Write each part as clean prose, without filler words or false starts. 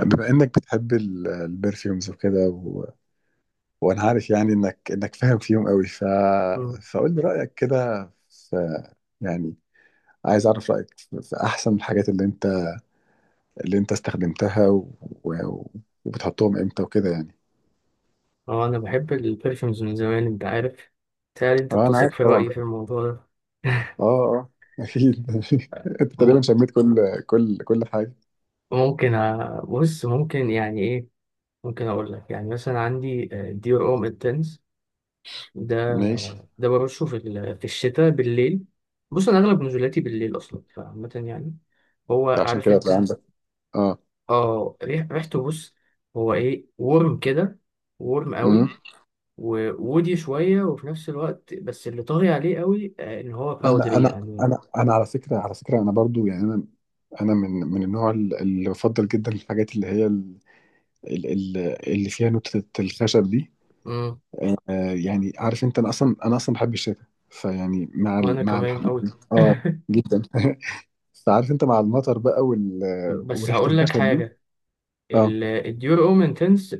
بما انك بتحب البرفيومز وكده وانا عارف، يعني انك فاهم فيهم قوي، مم. فقول لي رايك كده في، يعني عايز اعرف رايك في احسن الحاجات اللي انت، استخدمتها و... وبتحطهم امتى وكده، يعني. اه انا بحب البرفيومز من زمان انت عارف. تهيألي انت اه، انا بتثق عارف في طبعا. رأيي في الموضوع ده. اه، اه، اكيد انت تقريبا م- شميت كل حاجه، بص ممكن يعني ايه. ممكن اقول لك يعني مثلا عندي ديور اوم انتنس. ده ماشي. ده برشه في في الشتاء بالليل. بص انا اغلب نزولاتي بالليل اصلا فعامة يعني هو عشان عارف كده هتبقى انت. عندك، اه. اه، ريحته بص. هو ايه ورم كده، ورم قوي، إمم. وودي شوية، وفي نفس الوقت بس اللي طاغي عليه قوي آه، ان هو انا باودري انا يعني. انا انا على فكره، انا برضو، يعني انا من النوع اللي بفضل جدا الحاجات اللي هي ال- ال- اللي فيها نوتة الخشب دي. امم. يعني عارف انت، انا اصلا بحب الشتاء، فيعني مع ال... وانا مع كمان الح... قوي. اه، جدا فعارف انت، مع المطر بقى بس وريحه هقول لك الخشب دي، حاجة. اه. الديور اوم انتنس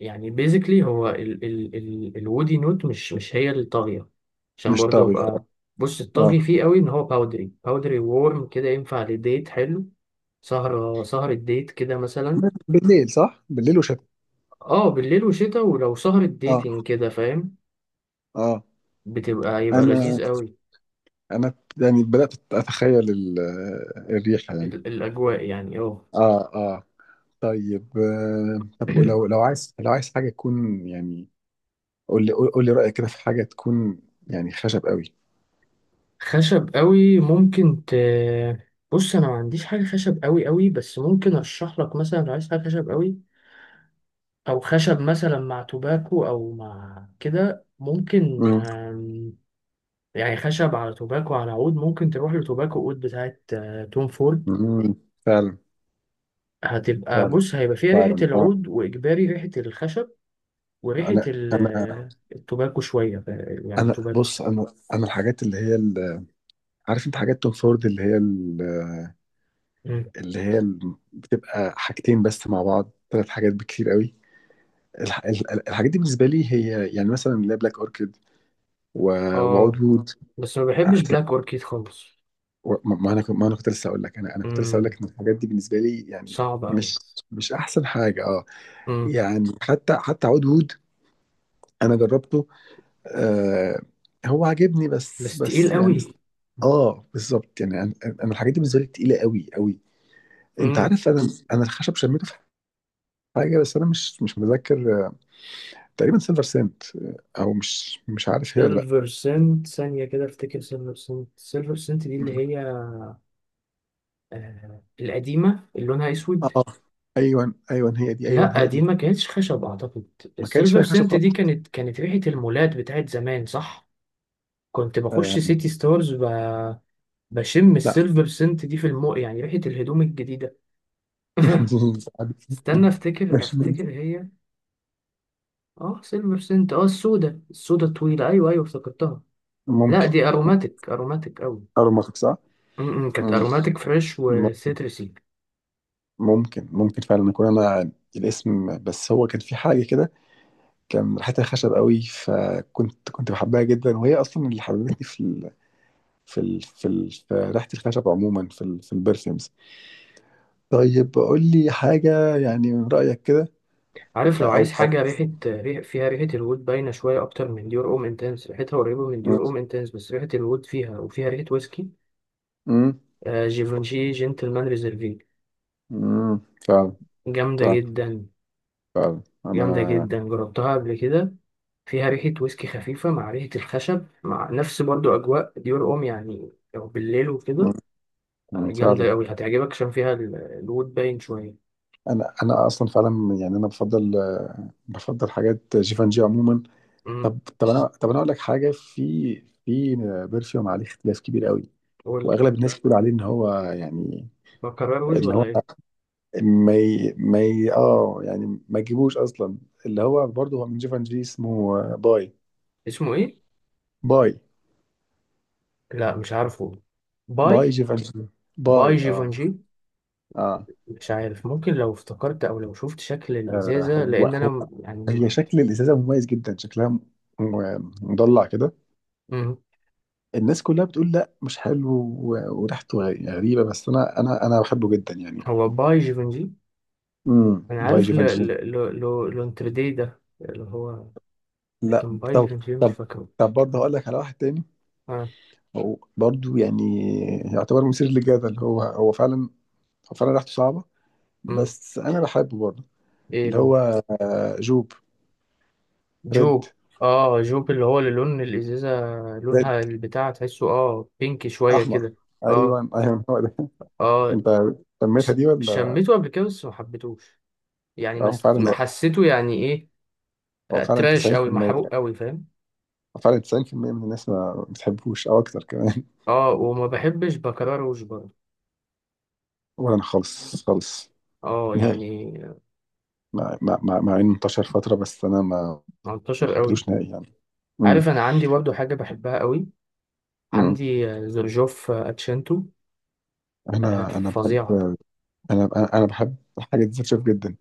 يعني بيزيكلي هو ال ال ال الودي نوت مش هي اللي طاغية عشان مش برضه طاغيه، اه. ابقى. بص آه. الطاغي فيه قوي ان هو باودري باودري وورم كده، ينفع لديت حلو. سهرة ديت كده مثلا. بالليل، صح، بالليل وشتاء. اه بالليل وشتا، ولو سهرة اه، ديتنج كده فاهم، اه، يبقى انا لذيذ قوي. انا يعني بدات اتخيل الريحه، يعني. الأجواء يعني اه. اه، اه. طيب، طب لو لو عايز لو عايز حاجة تكون، يعني قول لي رأيك كده في حاجة تكون، يعني، خشب قوي. خشب قوي ممكن بص أنا ما عنديش حاجة خشب قوي قوي، بس ممكن أرشح لك مثلا لو عايز حاجة خشب قوي أو خشب مثلا مع توباكو أو مع كده ممكن مم. آم،. يعني خشب على توباكو على عود، ممكن تروح لتوباكو عود بتاعت آه، توم فورد. مم. فعلا. فعلا، بص هيبقى فيها ريحة فعلا، اه. العود وإجباري ريحة الخشب وريحة انا انا التوباكو شوية يعني انا توباكو. بص، انا الحاجات اللي هي عارف انت حاجات توم فورد، مم. بتبقى حاجتين بس مع بعض، ثلاث حاجات بكتير قوي. الحاجات دي بالنسبة لي هي، يعني مثلا، اللي هي بلاك اوركيد وعود اه وود. بس ما بحبش بلاك اوركيد خالص. ما انا كنت لسه اقول لك، امم ان الحاجات دي بالنسبه لي، يعني، صعب قوي. مش مش احسن حاجه، اه. امم يعني حتى عود وود، انا جربته، آه، هو عاجبني، بس بس تقيل بس يعني، قوي. اه، بالظبط. يعني انا الحاجات دي بالنسبه لي تقيله قوي قوي. انت امم. عارف، انا الخشب شميته في حاجه، بس انا مش متذكر، تقريبا سيلفر سنت، او مش عارف هي ولا لا. سيلفر سنت ثانية كده، افتكر سيلفر سنت دي اللي هي آه القديمة اللي لونها اسود. اه، ايوه، ايوه، هي دي، ايوه لا هي دي دي. ما كانتش خشب اعتقد. ما كانش السيلفر فيها خشب سنت دي خالص. كانت ريحة المولات بتاعت زمان صح. كنت بخش آه، سيتي ستارز بشم السيلفر سنت دي في المو يعني ريحة الهدوم الجديدة. عادي. استنى افتكر مش افتكر هي اه سيلفر سنت، اه السودة السودة الطويلة، ايوه ايوه افتكرتها. لا ممكن دي اروماتيك اروماتيك اوي. ارمخ، صح؟ م- م، كانت مم. اروماتيك فريش م- وسيترسي. ممكن فعلا اكون انا الاسم، بس هو كان في حاجه كده، كان ريحتها خشب قوي، فكنت بحبها جدا، وهي اصلا اللي حببتني في في ريحه الخشب عموما، في في البرفيومز. طيب قول لي حاجه، يعني، من رايك كده. عارف لو عايز او. حاجة ريحة ريح فيها ريحة الوود باينة شوية أكتر من ديور أم انتنس، ريحتها قريبة من مم. ديور أم انتنس بس ريحة الوود فيها وفيها ريحة ويسكي. مم. آه جيفانشي جنتلمان ريزرفي، مم. فعلا، جامدة فعلا، جدا. فعلا، جامدة انا. جدا، جربتها قبل كده، فيها ريحة ويسكي خفيفة مع ريحة الخشب مع نفس برضو أجواء ديور أم، يعني لو بالليل وكده. مم. مم. فعلا. جامدة أوي، هتعجبك عشان فيها الوود باين شوية. انا اصلا فعلا، يعني انا بفضل حاجات جيفانجي عموما. امم. طب انا اقول لك حاجه، في، في برفيوم عليه اختلاف كبير قوي، قولي. واغلب الناس بتقول عليه ان هو، يعني بكرر وج ان ولا هو إيه. ما ي... ما ي... اه يعني ما تجيبوش اصلا. اللي هو برضه، هو من جيفانجي، اسمه باي. اسمه إيه؟ باي. لا مش عارفه. باي باي. جيفانجي. باي باي، اه. جيفونجي اه، مش عارف، ممكن لو افتكرت أو لو شفت شكل آه، الإزازة هو لأن أنا هو- يعني هي شكل الازازه مميز جدا، شكلها مضلع كده. مم. الناس كلها بتقول لا مش حلو، و- وريحته غ- غريبه، بس انا بحبه جدا، يعني. هو باي جيفونجي. أنا باي عارف ل جيفنجي، ل ل ل لونتردي ده اللي هو، لا. لكن باي طب، جيفونجي مش طب فاكره. برضه هقول لك على واحد تاني. آه. هو برضه، يعني، يعتبر مثير للجدل. هو فعلا، هو فعلا ريحته صعبه، مم. بس انا بحبه برضه. ايه اللي هو. هو جوب ريد، جو. اه جوب، اللي هو اللي لون الازازه، ريد، لونها البتاع تحسه اه بينك شويه احمر، كده. اه ايوه، ايوه هو ده اه. انت سميتها ش- دي ولا؟ شميته قبل كده بس ما حبيتهوش، يعني هو ما فعلا، حسيته يعني ايه. هو آه، فعلا تراش قوي 90%، محروق قوي فاهم. هو فعلا 90% من الناس ما بتحبوش او اكتر كمان. اه وما بحبش بكرروش برضه. ولا انا خالص خالص اه نهائي. يعني مع انه انتشر فتره، بس انا ما منتشر قوي. حبيتهوش نهائي، يعني. امم. عارف انا عندي برضه حاجه بحبها قوي. امم عندي آه، زرجوف آه، اتشنتو. آه، انا انا بحب، فظيعه. انا انا أنا بحب حاجه ديزرت شيف جدا.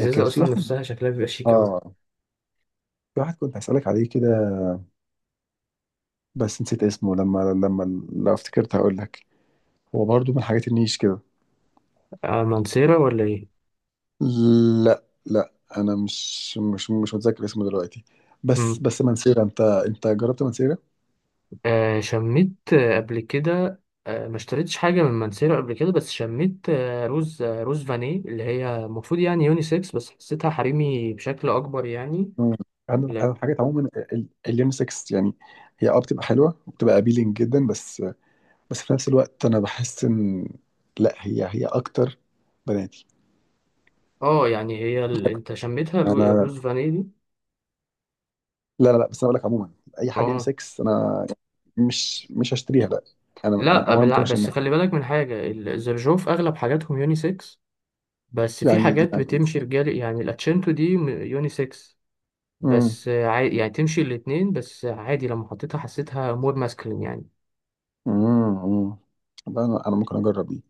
كان في اصلا واحد، نفسها شكلها بيبقى شيك قوي. اه، في واحد كنت هسألك عليه كده، بس نسيت اسمه، لما لما لو افتكرت هقول لك. هو برضو من الحاجات النيش كده. آه، منصيرة ولا ايه. لا، لا، انا مش متذكر اسمه دلوقتي، بس مم. بس منسيرة، انت جربت منسيرة؟ آه شميت آه، قبل كده. آه ما اشتريتش حاجة من منسيرو قبل كده، بس شميت آه روز آه روز فاني اللي هي المفروض يعني يونيسكس بس حسيتها حريمي بشكل أكبر يعني. مم. انا لا. الحاجات عموما اليونيسكس، يعني هي، بتبقى حلوه وبتبقى ابيلينج جدا، بس بس في نفس الوقت انا بحس ان، لا، هي اكتر بناتي. اه يعني هي انت شميتها انا، روز فاني دي. لا، لا، لا، بس انا بقول لك عموما، اي حاجه اه. يونيسكس انا مش هشتريها، لا. انا، يعني، لا اولا ممكن بس اشمها، خلي بالك من حاجة الزرجوف أغلب حاجاتهم يونيسكس، بس في يعني، حاجات بتمشي رجال، يعني الاتشنتو دي يونيسكس، امم. بس آه، عادي يعني تمشي الاتنين، بس عادي لما حطيتها حسيتها مور ماسكلين يعني. امم لا، انا ممكن اجرب دي.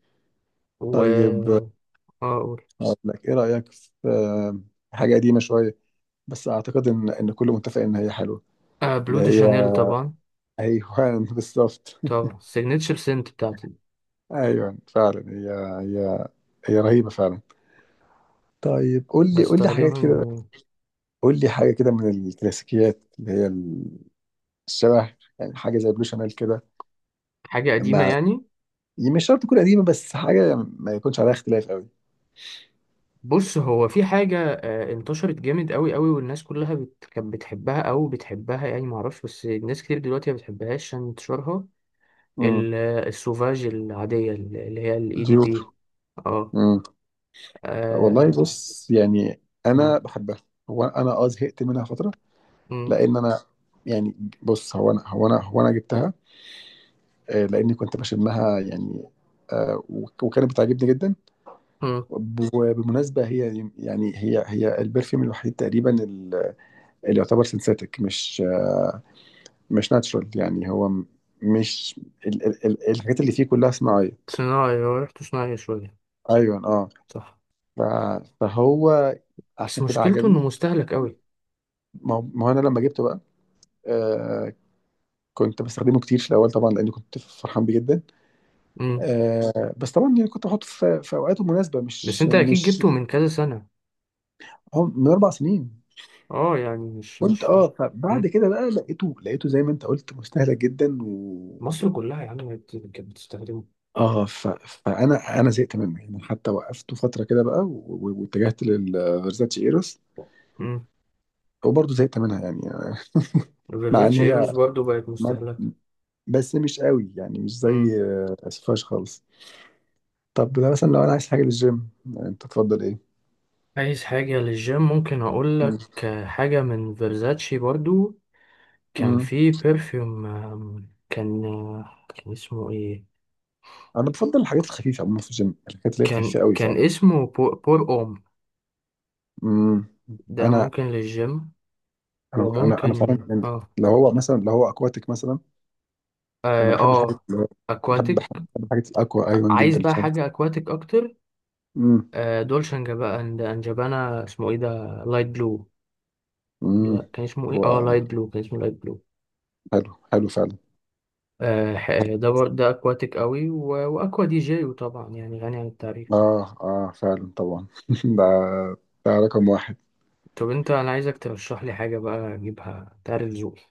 و طيب اقول. اقول لك ايه رايك في، حاجه قديمه شويه، بس اعتقد ان كله متفق ان هي حلوه. آه اللي بلو دي هي، شانيل طبعا. ايوه بالظبط. طبعا سيجنتشر سنت بتاعتي، ايوه فعلا، هي هي رهيبه فعلا. طيب قول لي حاجات بستخدمها من كده، زمان. قول لي حاجه كده من الكلاسيكيات اللي هي الشبه، يعني حاجه زي بلو شانيل كده، حاجة قديمة مع يعني. مش شرط تكون قديمه، بس حاجه ما يكونش عليها اختلاف قوي. بص هو في حاجة آه انتشرت جامد قوي قوي والناس كلها كانت بتحبها او بتحبها يعني معرفش، بس ناس كتير دلوقتي ما بتحبهاش عشان انتشارها. امم، آه، السوفاج العادية اللي هي الاي دي ديور، بي. اه. امم. والله، آه، بص، يعني مم، انا بحبها. هو انا، زهقت منها فتره، مم، لان انا، يعني، بص، هو انا جبتها، لاني كنت بشمها، يعني، وكانت بتعجبني جدا. مم. وبالمناسبة هي، يعني، هي البرفيوم الوحيد تقريبا، اللي يعتبر سينثيتك، مش ناتشرال، يعني هو م- مش ال ال ال الحاجات اللي فيه كلها صناعية. صناعي، هو ريحته صناعي شوية ايوه، اه، صح. فهو بس عشان كده مشكلته عجبني. انه مستهلك قوي. ما هو انا لما جبته بقى، آه كنت بستخدمه كتير في الاول طبعا، لان كنت فرحان بيه جدا. مم. بس طبعا، يعني، كنت بحطه في اوقاته مناسبة، بس مش انت اكيد مش جبته من كذا سنة. هو من 4 سنين، اه يعني مش كنت، مش فبعد مم. كده بقى لقيته زي ما انت قلت مستهلك جدا. مصر كلها يا عم كانت بتستخدمه. اه، فانا زهقت منه، يعني، حتى وقفته فتره كده بقى، واتجهت للفيرزاتشي ايروس مم. وبرضه زهقت منها، يعني مع ان وفيرزاتشي ايروز هي، برضو بقت ما... مستهلكة. بس مش قوي، يعني مش مم. زي، سفاش خالص. طب ده مثلا، لو انا عايز حاجه للجيم، انت تفضل ايه؟ عايز حاجة للجيم، ممكن أقول مم. لك حاجة من فيرزاتشي برضو. كان مم. في بيرفيوم آم، كان آه، كان اسمه ايه. انا بفضل الحاجات الخفيفه عموما في الجيم، الحاجات اللي هي كان الخفيفه قوي فعلا. كان اسمه بور اوم. مم. ده انا ممكن للجيم. انا فعلا، وممكن يعني اه لو هو اكواتيك مثلا. انا اه, بحب الحاجات آه. اللي هو بحب بحب اكواتيك. بحب الحاجات الاكوا ايوان عايز جدا بقى فعلا. حاجة اكواتيك اكتر. مم. آه، دولشنجا بقى عند انجبانا اسمه ايه ده. لايت بلو. امم لا كان اسمه ايه هو اه لايت بلو كان اسمه لايت بلو. حلو، حلو فعلا. آه آه، ده ده اكواتيك قوي واكوا دي جي وطبعا يعني غني عن التعريف. اه، اه فعلا طبعا ده ده رقم واحد. طب انت انا عايزك ترشح لي حاجه بقى اجيبها، تعرف ذوقي،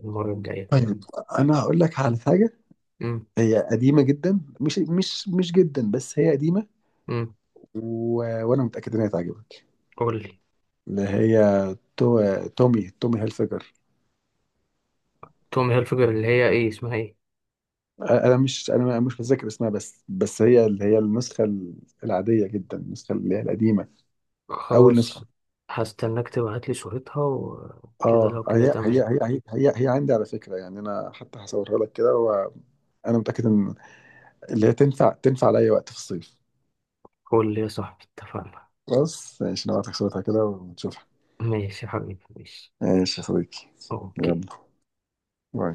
المره الجايه. طيب انا هقول لك على حاجه، امم. هي قديمه جدا، مش مش مش جدا، بس هي قديمه، امم. و... وانا متاكد ان هي تعجبك. قول لي. اللي هي تو... تومي تومي هيلفيجر. تومي هيلفيجر اللي هي ايه اسمها ايه. انا مش متذكر اسمها، بس بس هي اللي هي النسخه العاديه جدا، النسخه اللي هي القديمه، اول خلاص. نسخه. هستناك تبعت لي صورتها وكده، اه، لو كده هي تمام. هي هي هي هي, هي عندي، على فكره، يعني انا حتى هصورها لك كده، وانا متاكد ان اللي هي تنفع، لأي وقت في الصيف، قول لي يا صاحبي اتفقنا. بس ماشي، نبعتك صورتها كده ونشوفها. ماشي يا حبيبي ماشي. ماشي يا صديقي، يلا، اوكي. باي.